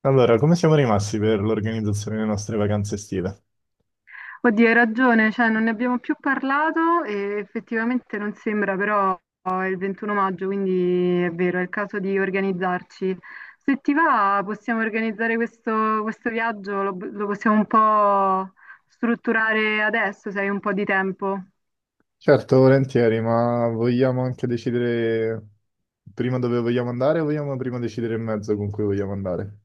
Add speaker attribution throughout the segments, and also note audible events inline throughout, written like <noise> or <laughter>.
Speaker 1: Allora, come siamo rimasti per l'organizzazione delle nostre vacanze estive?
Speaker 2: Oddio, hai ragione, cioè non ne abbiamo più parlato e effettivamente non sembra, però è il 21 maggio, quindi è vero, è il caso di organizzarci. Se ti va, possiamo organizzare questo viaggio, lo possiamo un po' strutturare adesso, se hai un po' di tempo.
Speaker 1: Certo, volentieri, ma vogliamo anche decidere prima dove vogliamo andare o vogliamo prima decidere il mezzo con cui vogliamo andare?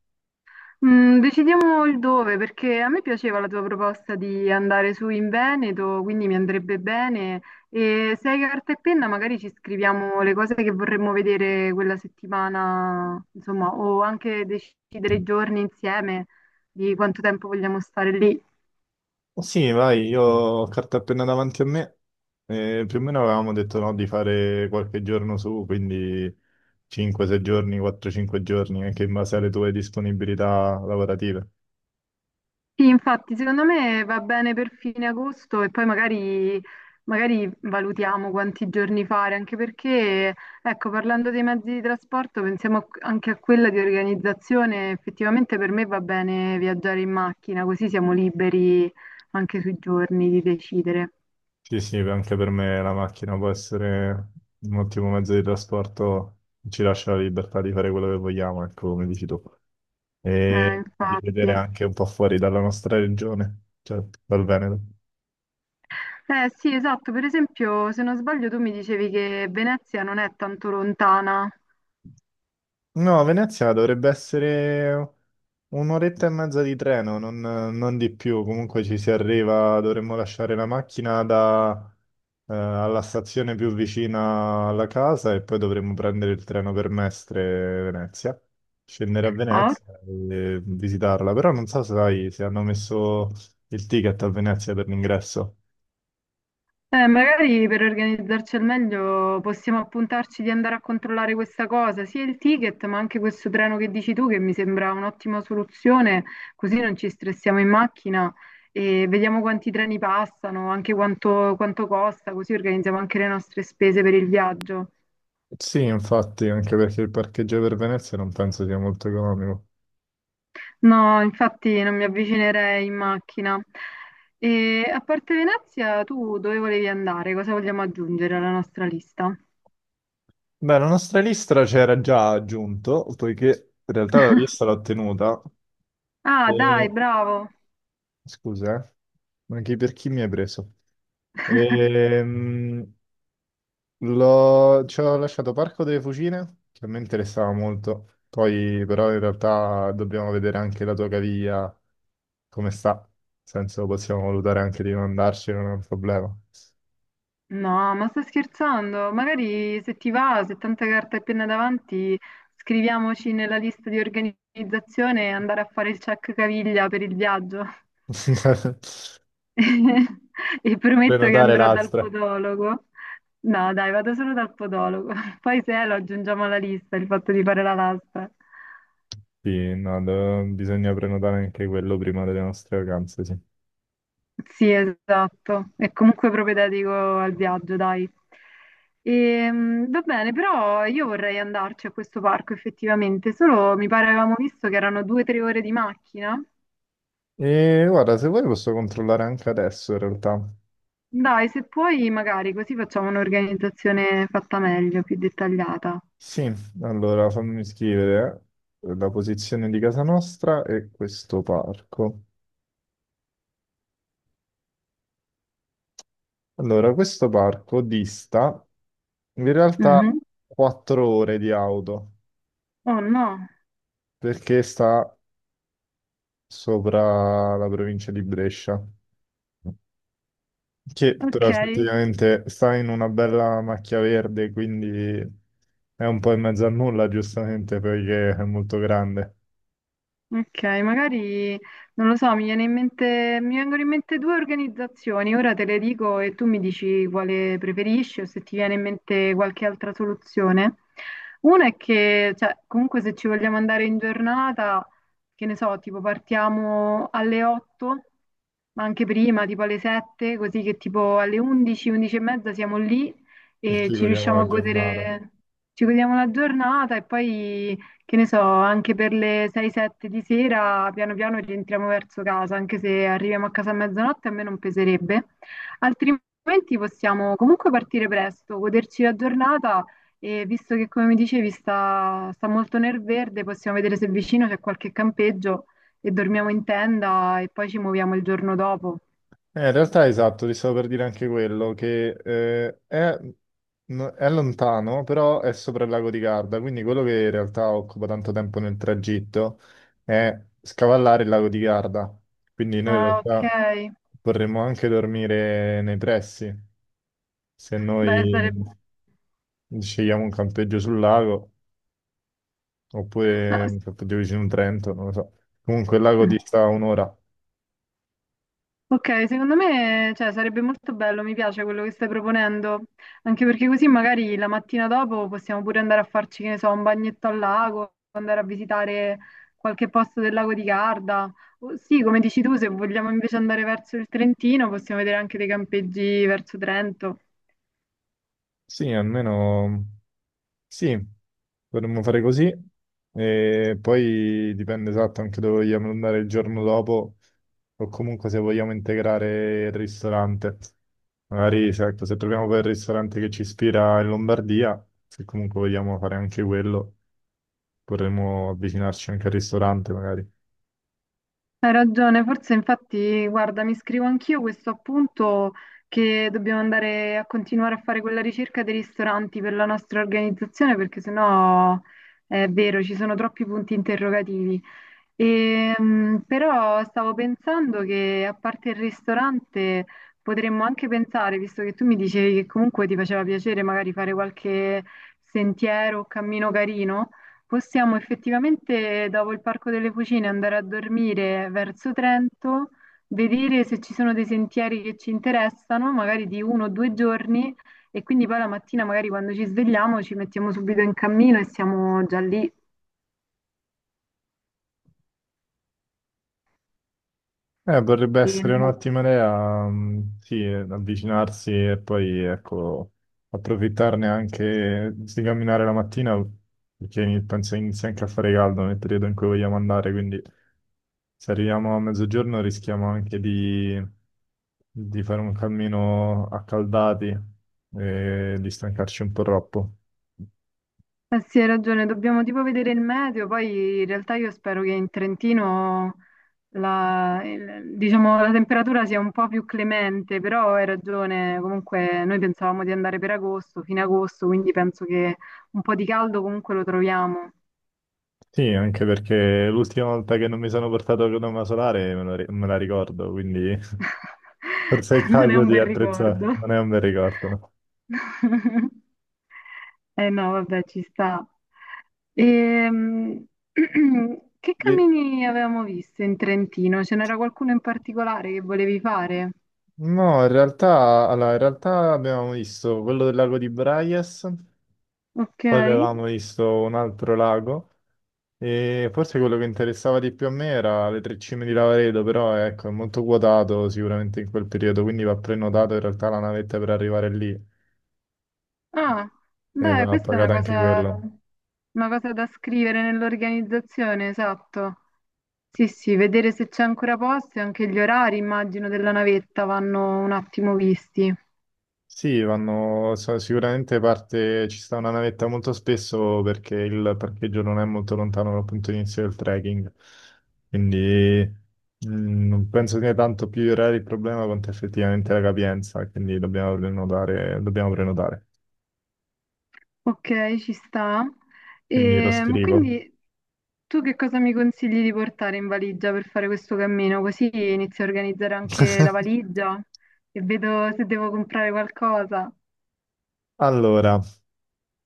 Speaker 2: Decidiamo il dove, perché a me piaceva la tua proposta di andare su in Veneto, quindi mi andrebbe bene. E se hai carta e penna, magari ci scriviamo le cose che vorremmo vedere quella settimana, insomma, o anche decidere i giorni insieme di quanto tempo vogliamo stare lì.
Speaker 1: Oh sì, vai, io ho carta appena davanti a me. E più o meno avevamo detto no, di fare qualche giorno su, quindi 5-6 giorni, 4-5 giorni, anche in base alle tue disponibilità lavorative.
Speaker 2: Sì, infatti, secondo me va bene per fine agosto e poi magari valutiamo quanti giorni fare, anche perché, ecco, parlando dei mezzi di trasporto, pensiamo anche a quella di organizzazione. Effettivamente per me va bene viaggiare in macchina, così siamo liberi anche sui giorni di decidere.
Speaker 1: Sì, anche per me la macchina può essere un ottimo mezzo di trasporto, ci lascia la libertà di fare quello che vogliamo, ecco, come dici tu, e di vedere
Speaker 2: Infatti.
Speaker 1: anche un po' fuori dalla nostra regione, cioè dal Veneto.
Speaker 2: Eh sì, esatto, per esempio, se non sbaglio tu mi dicevi che Venezia non è tanto lontana.
Speaker 1: No, Venezia dovrebbe essere un'oretta e mezza di treno, non di più. Comunque ci si arriva, dovremmo lasciare la macchina da, alla stazione più vicina alla casa e poi dovremmo prendere il treno per Mestre Venezia, scendere a
Speaker 2: Ah.
Speaker 1: Venezia e visitarla. Però non so se sai se hanno messo il ticket a Venezia per l'ingresso.
Speaker 2: Magari per organizzarci al meglio possiamo appuntarci di andare a controllare questa cosa, sia il ticket ma anche questo treno che dici tu che mi sembra un'ottima soluzione, così non ci stressiamo in macchina e vediamo quanti treni passano, anche quanto costa, così organizziamo anche le nostre spese per il viaggio.
Speaker 1: Sì, infatti, anche perché il parcheggio per Venezia non penso sia molto economico.
Speaker 2: No, infatti non mi avvicinerei in macchina. E a parte Venezia, tu dove volevi andare? Cosa vogliamo aggiungere alla nostra lista?
Speaker 1: Beh, la nostra lista c'era già aggiunto, poiché in realtà la
Speaker 2: <laughs>
Speaker 1: lista l'ho tenuta.
Speaker 2: Ah, dai,
Speaker 1: E...
Speaker 2: bravo.
Speaker 1: Scusa, eh. Ma chi per chi mi hai preso?
Speaker 2: <laughs>
Speaker 1: Ehm, Ci ho lasciato Parco delle Fucine, che a me interessava molto. Poi però in realtà dobbiamo vedere anche la tua caviglia, come sta. Nel senso possiamo valutare anche di non andarci, non è un problema.
Speaker 2: No, ma sto scherzando. Magari se ti va, se tanta carta e penna davanti, scriviamoci nella lista di organizzazione e andare a fare il check caviglia per il viaggio.
Speaker 1: <laughs>
Speaker 2: <laughs> E prometto che
Speaker 1: Prenotare
Speaker 2: andrò dal
Speaker 1: l'altra.
Speaker 2: podologo. No, dai, vado solo dal podologo. <laughs> Poi se è, lo aggiungiamo alla lista, il fatto di fare la lastra.
Speaker 1: Sì, no, bisogna prenotare anche quello prima delle nostre vacanze, sì.
Speaker 2: Sì, esatto. È comunque propedeutico al viaggio, dai. Va bene, però io vorrei andarci a questo parco effettivamente, solo mi pare avevamo visto che erano due o tre ore di macchina.
Speaker 1: E guarda, se vuoi posso controllare anche adesso in realtà.
Speaker 2: Dai, se puoi, magari così facciamo un'organizzazione fatta meglio, più dettagliata.
Speaker 1: Sì, allora fammi scrivere la posizione di casa nostra e questo parco. Allora, questo parco dista in realtà
Speaker 2: Mhm.
Speaker 1: 4 ore di auto
Speaker 2: Oh no.
Speaker 1: perché sta sopra la provincia di Brescia. Che
Speaker 2: Ok.
Speaker 1: però effettivamente sta in una bella macchia verde, quindi è un po' in mezzo a nulla, giustamente, perché è molto grande
Speaker 2: Ok, magari non lo so, mi viene in mente, mi vengono in mente due organizzazioni, ora te le dico e tu mi dici quale preferisci o se ti viene in mente qualche altra soluzione. Una è che, cioè, comunque se ci vogliamo andare in giornata, che ne so, tipo partiamo alle 8, ma anche prima, tipo alle 7, così che tipo alle 11, 11 e mezza siamo lì
Speaker 1: e
Speaker 2: e
Speaker 1: ci
Speaker 2: ci
Speaker 1: godiamo
Speaker 2: riusciamo
Speaker 1: la
Speaker 2: a
Speaker 1: giornata.
Speaker 2: godere, ci godiamo la giornata e poi che ne so, anche per le 6-7 di sera, piano piano rientriamo verso casa, anche se arriviamo a casa a mezzanotte a me non peserebbe. Altrimenti possiamo comunque partire presto, goderci la giornata e visto che, come mi dicevi, sta molto nel verde, possiamo vedere se vicino c'è qualche campeggio e dormiamo in tenda e poi ci muoviamo il giorno dopo.
Speaker 1: In realtà, esatto, ti stavo per dire anche quello, che è, è lontano, però è sopra il lago di Garda, quindi quello che in realtà occupa tanto tempo nel tragitto è scavallare il lago di Garda. Quindi noi in
Speaker 2: Ah, ok.
Speaker 1: realtà vorremmo anche dormire nei pressi, se
Speaker 2: Beh,
Speaker 1: noi...
Speaker 2: sarebbe...
Speaker 1: Scegliamo un campeggio sul lago
Speaker 2: ah,
Speaker 1: oppure un campeggio vicino a un Trento, non lo so. Comunque il lago
Speaker 2: sì.
Speaker 1: dista un'ora.
Speaker 2: Ok, secondo me, cioè, sarebbe molto bello, mi piace quello che stai proponendo, anche perché così magari la mattina dopo possiamo pure andare a farci, che ne so, un bagnetto al lago, andare a visitare qualche posto del lago di Garda. O sì, come dici tu, se vogliamo invece andare verso il Trentino, possiamo vedere anche dei campeggi verso Trento.
Speaker 1: Sì, almeno sì, potremmo fare così. E poi dipende esatto anche dove vogliamo andare il giorno dopo o comunque se vogliamo integrare il ristorante. Magari, se ecco, se troviamo quel ristorante che ci ispira in Lombardia, se comunque vogliamo fare anche quello, potremmo avvicinarci anche al ristorante magari.
Speaker 2: Hai ragione, forse infatti, guarda, mi scrivo anch'io questo appunto che dobbiamo andare a continuare a fare quella ricerca dei ristoranti per la nostra organizzazione, perché sennò è vero, ci sono troppi punti interrogativi. Però stavo pensando che a parte il ristorante potremmo anche pensare, visto che tu mi dicevi che comunque ti faceva piacere magari fare qualche sentiero o cammino carino, possiamo effettivamente dopo il Parco delle Fucine andare a dormire verso Trento, vedere se ci sono dei sentieri che ci interessano, magari di uno o due giorni, e quindi poi la mattina magari quando ci svegliamo ci mettiamo subito in cammino e siamo già lì,
Speaker 1: Potrebbe
Speaker 2: che
Speaker 1: essere un'ottima idea, mm, sì, avvicinarsi e poi, ecco, approfittarne anche di camminare la mattina, perché penso inizia anche a fare caldo nel periodo in cui vogliamo andare, quindi se arriviamo a mezzogiorno rischiamo anche di fare un cammino accaldati e di stancarci un po' troppo.
Speaker 2: Eh sì, hai ragione, dobbiamo tipo vedere il meteo, poi in realtà io spero che in Trentino diciamo, la temperatura sia un po' più clemente, però hai ragione, comunque noi pensavamo di andare per agosto, fine agosto, quindi penso che un po' di caldo comunque lo troviamo.
Speaker 1: Sì, anche perché l'ultima volta che non mi sono portato la crema solare me la, me la ricordo, quindi... Forse è il
Speaker 2: <laughs> Non è
Speaker 1: caso
Speaker 2: un
Speaker 1: di
Speaker 2: bel
Speaker 1: attrezzare,
Speaker 2: ricordo.
Speaker 1: non è un bel ricordo.
Speaker 2: <laughs> Eh no, vabbè, ci sta. Ehm, <clears throat> che
Speaker 1: Lì-
Speaker 2: cammini avevamo visto in Trentino? Ce n'era qualcuno in particolare che volevi fare?
Speaker 1: No, in realtà, allora, in realtà abbiamo visto quello del lago di Braies,
Speaker 2: Ok.
Speaker 1: poi avevamo visto un altro lago e forse quello che interessava di più a me era le tre cime di Lavaredo, però ecco, è molto quotato sicuramente in quel periodo, quindi va prenotato in realtà la navetta per arrivare lì
Speaker 2: Ah,
Speaker 1: e
Speaker 2: beh,
Speaker 1: va
Speaker 2: questa è
Speaker 1: pagata anche quello.
Speaker 2: una cosa da scrivere nell'organizzazione, esatto. Sì, sì, vedere se c'è ancora posto e anche gli orari, immagino, della navetta vanno un attimo visti.
Speaker 1: Sì, vanno, sicuramente parte, ci sta una navetta molto spesso perché il parcheggio non è molto lontano dal punto di inizio del trekking, quindi non penso sia tanto più il reale il problema quanto effettivamente la capienza, quindi dobbiamo prenotare.
Speaker 2: Ok, ci sta.
Speaker 1: Quindi lo
Speaker 2: E, ma
Speaker 1: scrivo.
Speaker 2: quindi tu che cosa mi consigli di portare in valigia per fare questo cammino? Così inizio a organizzare anche la
Speaker 1: <laughs>
Speaker 2: valigia e vedo se devo comprare qualcosa.
Speaker 1: Allora,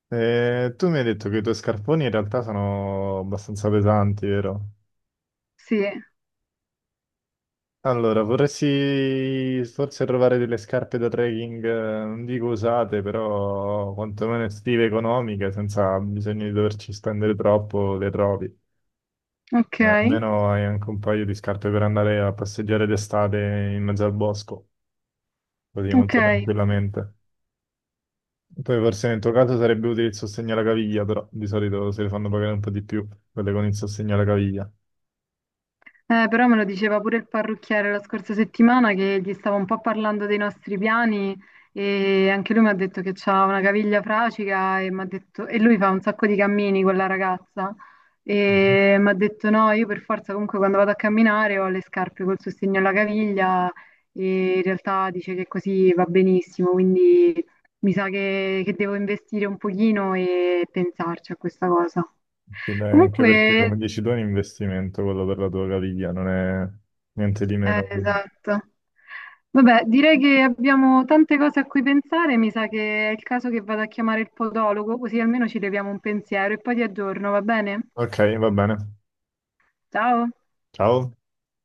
Speaker 1: tu mi hai detto che i tuoi scarponi in realtà sono abbastanza pesanti, vero?
Speaker 2: Sì,
Speaker 1: Allora, vorresti forse trovare delle scarpe da trekking, non dico usate, però quantomeno estive, economiche, senza bisogno di doverci spendere troppo, le trovi.
Speaker 2: ok,
Speaker 1: Almeno hai anche un paio di scarpe per andare a passeggiare d'estate in mezzo al bosco, così
Speaker 2: ok.
Speaker 1: molto tranquillamente. Poi forse nel tuo caso sarebbe utile il sostegno alla caviglia, però di solito se le fanno pagare un po' di più, quelle con il sostegno alla caviglia.
Speaker 2: Però me lo diceva pure il parrucchiere la scorsa settimana che gli stavo un po' parlando dei nostri piani e anche lui mi ha detto che c'ha una caviglia fracica e, e lui fa un sacco di cammini con la ragazza e mi ha detto no, io per forza comunque quando vado a camminare ho le scarpe col sostegno alla caviglia e in realtà dice che così va benissimo, quindi mi sa che devo investire un pochino e pensarci a questa cosa.
Speaker 1: Sì,
Speaker 2: Sì.
Speaker 1: dai, anche perché come
Speaker 2: Comunque,
Speaker 1: dici tu è un investimento quello per la tua caviglia, non è niente di
Speaker 2: eh,
Speaker 1: meno. Quindi.
Speaker 2: esatto. Vabbè, direi che abbiamo tante cose a cui pensare, mi sa che è il caso che vado a chiamare il podologo, così almeno ci leviamo un pensiero e poi ti aggiorno, va bene?
Speaker 1: Ok, va bene.
Speaker 2: Ciao.
Speaker 1: Ciao.